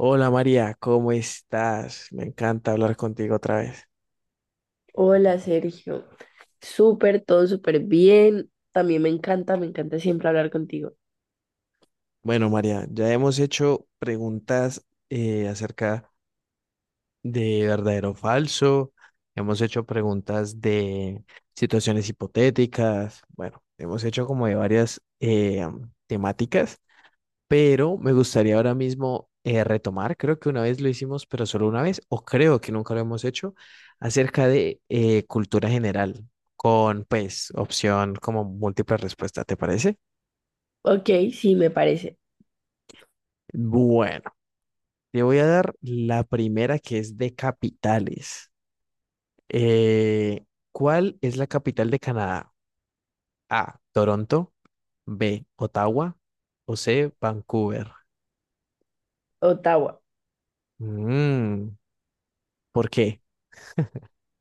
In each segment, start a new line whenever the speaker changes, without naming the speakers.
Hola María, ¿cómo estás? Me encanta hablar contigo otra vez.
Hola Sergio, súper, todo súper bien. También me encanta siempre hablar contigo.
Bueno, María, ya hemos hecho preguntas acerca de verdadero o falso, hemos hecho preguntas de situaciones hipotéticas, bueno, hemos hecho como de varias temáticas pero me gustaría ahora mismo retomar, creo que una vez lo hicimos, pero solo una vez, o creo que nunca lo hemos hecho, acerca de cultura general, con pues opción como múltiple respuesta, ¿te parece?
Ok, sí, me parece.
Bueno, te voy a dar la primera que es de capitales. Eh, ¿Cuál es la capital de Canadá? A, Toronto, B, Ottawa o C, Vancouver.
Ottawa.
Mm, ¿Por qué?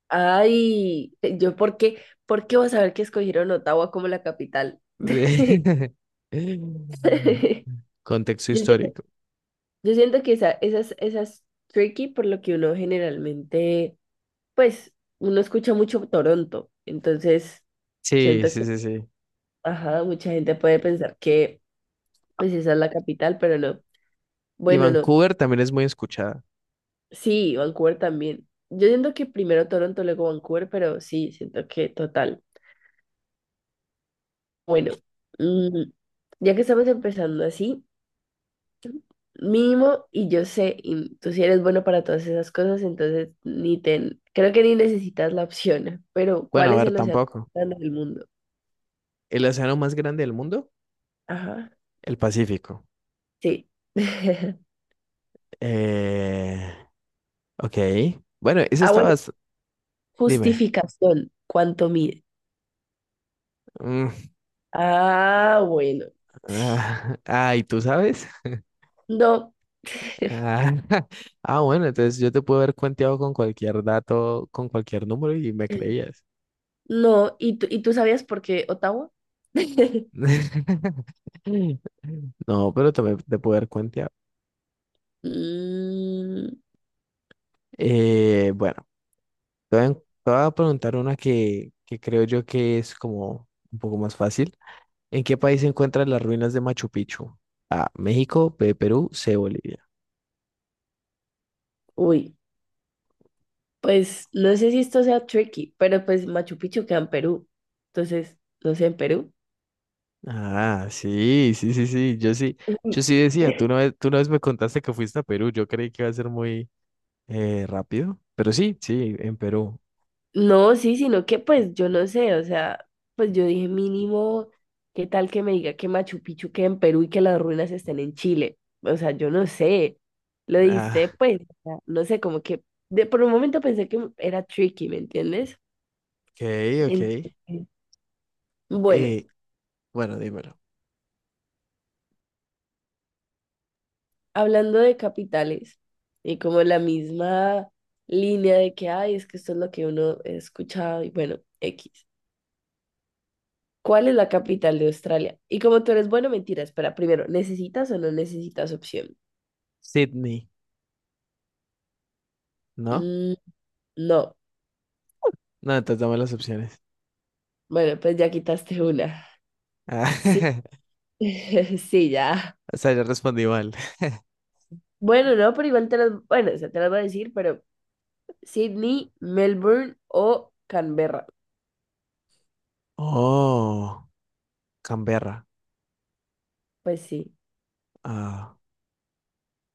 Ay, ¿por qué? ¿Por qué vas a ver que escogieron Ottawa como la capital?
Contexto
Yo siento,
histórico.
yo siento que esas tricky por lo que uno generalmente, pues, uno escucha mucho Toronto. Entonces,
Sí,
siento que,
sí, sí, sí.
ajá, mucha gente puede pensar que, pues, esa es la capital, pero no.
Y
Bueno, no.
Vancouver también es muy escuchada.
Sí, Vancouver también. Yo siento que primero Toronto, luego Vancouver, pero sí, siento que total. Bueno, mm, ya que estamos empezando así, mínimo, y yo sé, y tú sí eres bueno para todas esas cosas, entonces ni te, creo que ni necesitas la opción, pero
Bueno,
¿cuál
a
es
ver,
el océano
tampoco.
más grande del mundo?
El océano más grande del mundo,
Ajá,
el Pacífico.
sí.
Eh, ok. Bueno, eso
Ah, bueno,
estabas. Dime.
justificación, ¿cuánto mide?
Mm,
Ah, bueno.
ah, ah, ¿y tú sabes?
No.
Ah, ah, bueno, entonces yo te puedo haber cuenteado con cualquier dato, con cualquier número y me creías.
No, ¿¿y tú sabías por qué Ottawa?
No, pero también te puedo haber cuenteado.
Mm,
Bueno. Te voy a, en- te voy a preguntar una que creo yo que es como un poco más fácil. ¿En qué país se encuentran las ruinas de Machu Picchu? A, México, B, Perú, C, Bolivia.
uy, pues no sé si esto sea tricky, pero pues Machu Picchu queda en Perú. Entonces, no sé, en Perú.
Ah, sí, sí, sí, sí.
Mm.
Yo sí decía, tú una vez me contaste que fuiste a Perú. Yo creí que iba a ser muy rápido, pero sí, sí, en Perú.
No, sí, sino que pues yo no sé, o sea, pues yo dije mínimo, ¿qué tal que me diga que Machu Picchu queda en Perú y que las ruinas estén en Chile? O sea, yo no sé, lo
Ah,
dice pues, o sea, no sé, como que por un momento pensé que era tricky, ¿me entiendes?
ok, ok.
Entonces, bueno,
Eh, bueno, dímelo.
hablando de capitales y como la misma línea de que, ay, es que esto es lo que uno ha escuchado y bueno, X. ¿Cuál es la capital de Australia? Y como tú eres bueno, mentira, espera, primero, ¿necesitas o no necesitas opción?
Sydney, ¿no?
Mm, no.
No, entonces dame las opciones.
Bueno, pues ya quitaste una.
Ah,
Sí, sí, ya.
o sea, yo respondí mal.
Bueno, no, pero igual te las, bueno, o sea, te las voy a decir, pero Sydney, Melbourne o Canberra.
Oh. Canberra.
Pues sí,
Ah,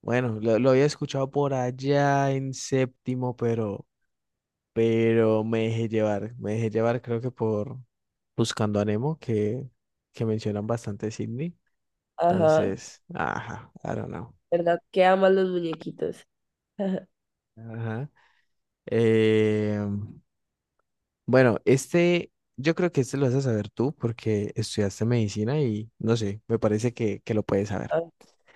bueno, lo había escuchado por allá en séptimo, pero me dejé llevar. Me dejé llevar, creo que por Buscando a Nemo, que mencionan bastante Sydney.
ajá,
Entonces, ajá, I don't know.
¿verdad? Que aman los muñequitos.
Ajá. Eh, bueno, este, yo creo que este lo vas a saber tú porque estudiaste medicina y no sé, me parece que lo puedes saber.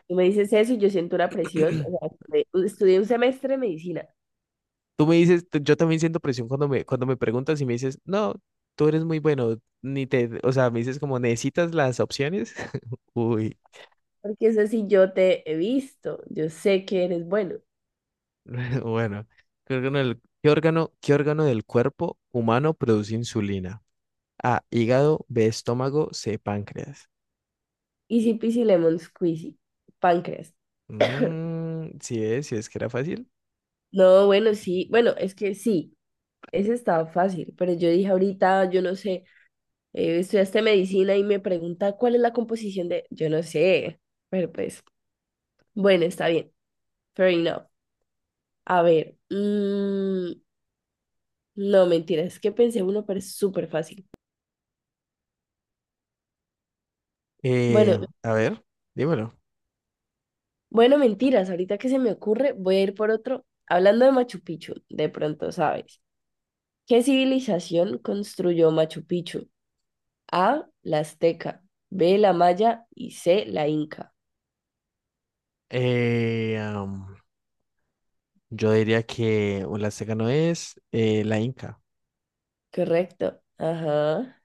Tú me dices eso y yo siento una presión. O sea, estudié un semestre de medicina,
Tú me dices, yo también siento presión cuando cuando me preguntas y me dices, no, tú eres muy bueno, ni te, o sea, me dices como, ¿necesitas las opciones? Uy,
porque eso sí yo te he visto, yo sé que eres bueno.
bueno, ¿qué órgano del cuerpo humano produce insulina? A, hígado, B, estómago, C, páncreas.
Easy peasy lemon squeezy, páncreas.
Mm, sí es que era fácil.
No, bueno, sí, bueno, es que sí, ese estaba fácil, pero yo dije ahorita, yo no sé, estudiaste medicina y me pregunta cuál es la composición de, yo no sé, pero pues, bueno, está bien, fair enough. A ver, no, mentira, es que pensé uno, pero es súper fácil. Bueno,
A ver, dímelo.
Bueno, mentiras, ahorita que se me ocurre, voy a ir por otro. Hablando de Machu Picchu, de pronto sabes. ¿Qué civilización construyó Machu Picchu? A, la azteca, B, la maya y C, la inca.
Eh, am, yo diría que, o la seca no es, la Inca.
Correcto. Ajá.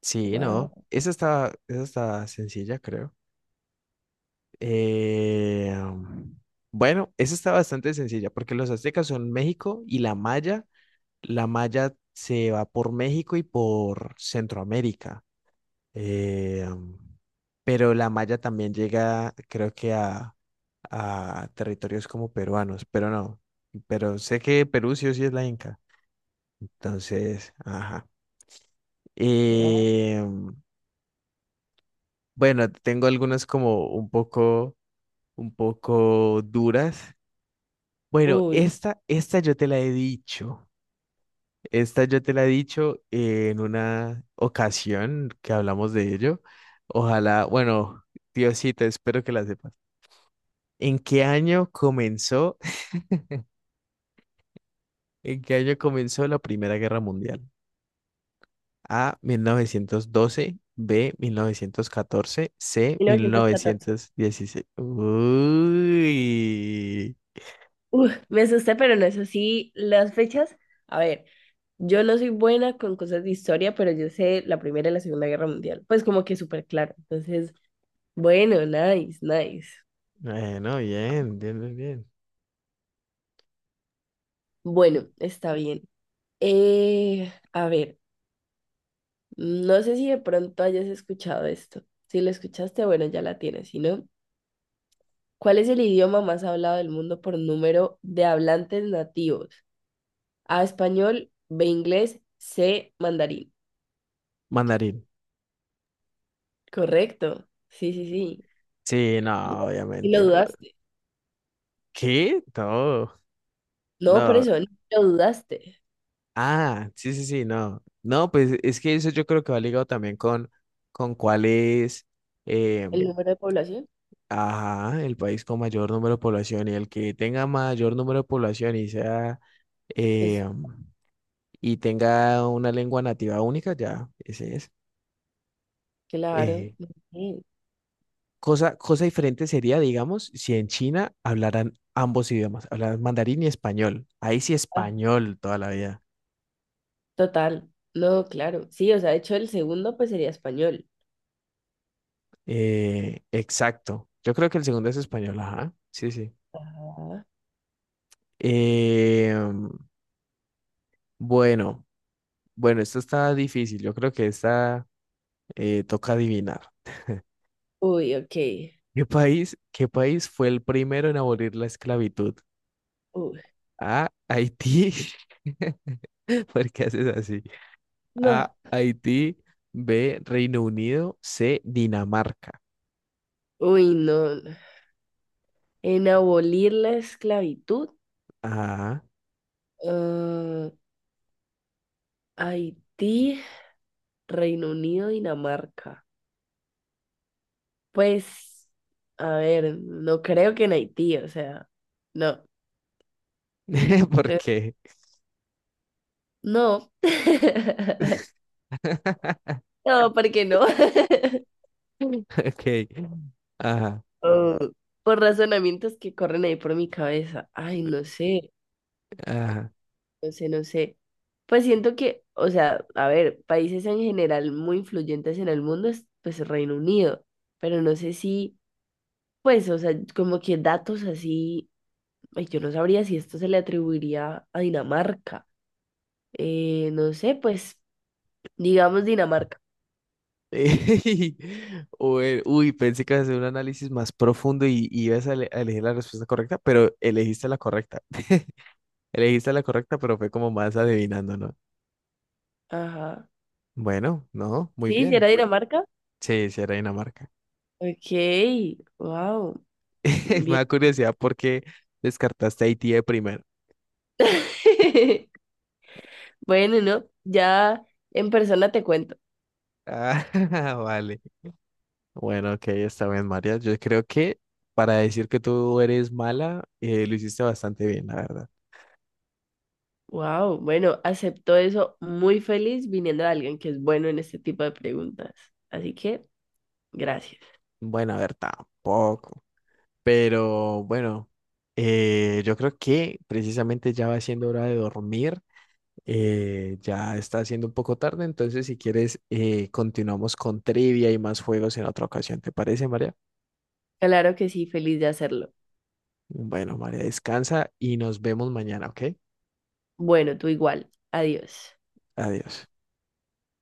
Sí, no.
Wow,
Esa está sencilla, creo. Eh, bueno, esa está bastante sencilla porque los aztecas son México y la maya. La maya se va por México y por Centroamérica. Eh, pero la maya también llega, a territorios como peruanos, pero no. Pero sé que Perú sí o sí es la Inca. Entonces, ajá.
wow.
Eh, bueno, tengo algunas como un poco duras. Bueno,
Uy,
esta yo te la he dicho. Esta yo te la he dicho en una ocasión que hablamos de ello. Ojalá, bueno, Diosito, espero que la sepas. ¿En qué año comenzó, ¿en qué año comenzó la Primera Guerra Mundial? A, 1912, B, 1914, C,
mil
mil
novecientos catorce
novecientos dieciséis Uy.
Uf, me asusté, pero no es así. Las fechas, a ver, yo no soy buena con cosas de historia, pero yo sé la Primera y la Segunda Guerra Mundial. Pues como que súper claro. Entonces, bueno, nice, nice.
Bueno, bien, bien, bien, bien.
Bueno, está bien. A ver, no sé si de pronto hayas escuchado esto. Si lo escuchaste, bueno, ya la tienes. Si no, ¿cuál es el idioma más hablado del mundo por número de hablantes nativos? A, español, B, inglés, C, mandarín.
Mandarín.
Correcto. Sí, sí, sí.
Sí, no,
Guau, y lo
obviamente.
dudaste.
¿Qué? No,
No, por
no.
eso, ni lo dudaste.
Ah, sí, sí, sí, no. No, pues es que eso yo creo que va ligado también con cuál es, eh,
El número de población,
ajá, el país con mayor número de población y el que tenga mayor número de población y sea,
pues
eh, y tenga una lengua nativa única, ya, ese es.
claro.
Eh,
Muy bien.
cosa diferente sería, digamos, si en China hablaran ambos idiomas, hablaran mandarín y español. Ahí sí
Ah,
español toda la vida.
total. No, claro. Sí, o sea, de hecho el segundo pues sería español.
Exacto. Yo creo que el segundo es español, ajá. Sí, sí.
Ajá.
Eh, bueno, bueno, esto está difícil. Yo creo que esta toca adivinar.
Uy, ok.
¿Qué país fue el primero en abolir la esclavitud?
Uy,
A, Haití. ¿Por qué haces así?
no.
A, Haití. B, Reino Unido. C, Dinamarca.
Uy, no. No. En abolir la esclavitud,
Ajá.
ah, Haití, Reino Unido, Dinamarca. Pues, a ver, no creo que en Haití, o sea, no.
¿Por
creo-
qué?
No. No, ¿por qué no?
Ok. Ajá,
Oh, por razonamientos que corren ahí por mi cabeza. Ay, no sé.
ajá.
No sé, no sé. Pues siento que, o sea, a ver, países en general muy influyentes en el mundo es pues Reino Unido, pero no sé si, pues, o sea, como que datos así, ay, yo no sabría si esto se le atribuiría a Dinamarca. No sé, pues, digamos Dinamarca.
Ey, bueno, uy, pensé que ibas a hacer un análisis más profundo y, a elegir la respuesta correcta, pero elegiste la correcta. Elegiste la correcta, pero fue como más adivinando, ¿no?
Ajá.
Bueno, no, muy
Sí, si era
bien.
Dinamarca.
Sí, sí, era Dinamarca.
Ok, wow,
Me
bien.
da curiosidad por qué descartaste a Haití de primero.
Bueno, ¿no? Ya en persona te cuento.
Ah, vale. Bueno, ok, está bien, María. Yo creo que para decir que tú eres mala, lo hiciste bastante bien, la verdad.
Wow, bueno, acepto eso muy feliz viniendo de alguien que es bueno en este tipo de preguntas. Así que, gracias.
Bueno, a ver, tampoco. Pero bueno, yo creo que precisamente ya va siendo hora de dormir. Ya está siendo un poco tarde, entonces si quieres continuamos con trivia y más juegos en otra ocasión. ¿Te parece, María?
Claro que sí, feliz de hacerlo.
Bueno, María, descansa y nos vemos mañana, ¿ok?
Bueno, tú igual. Adiós.
Adiós.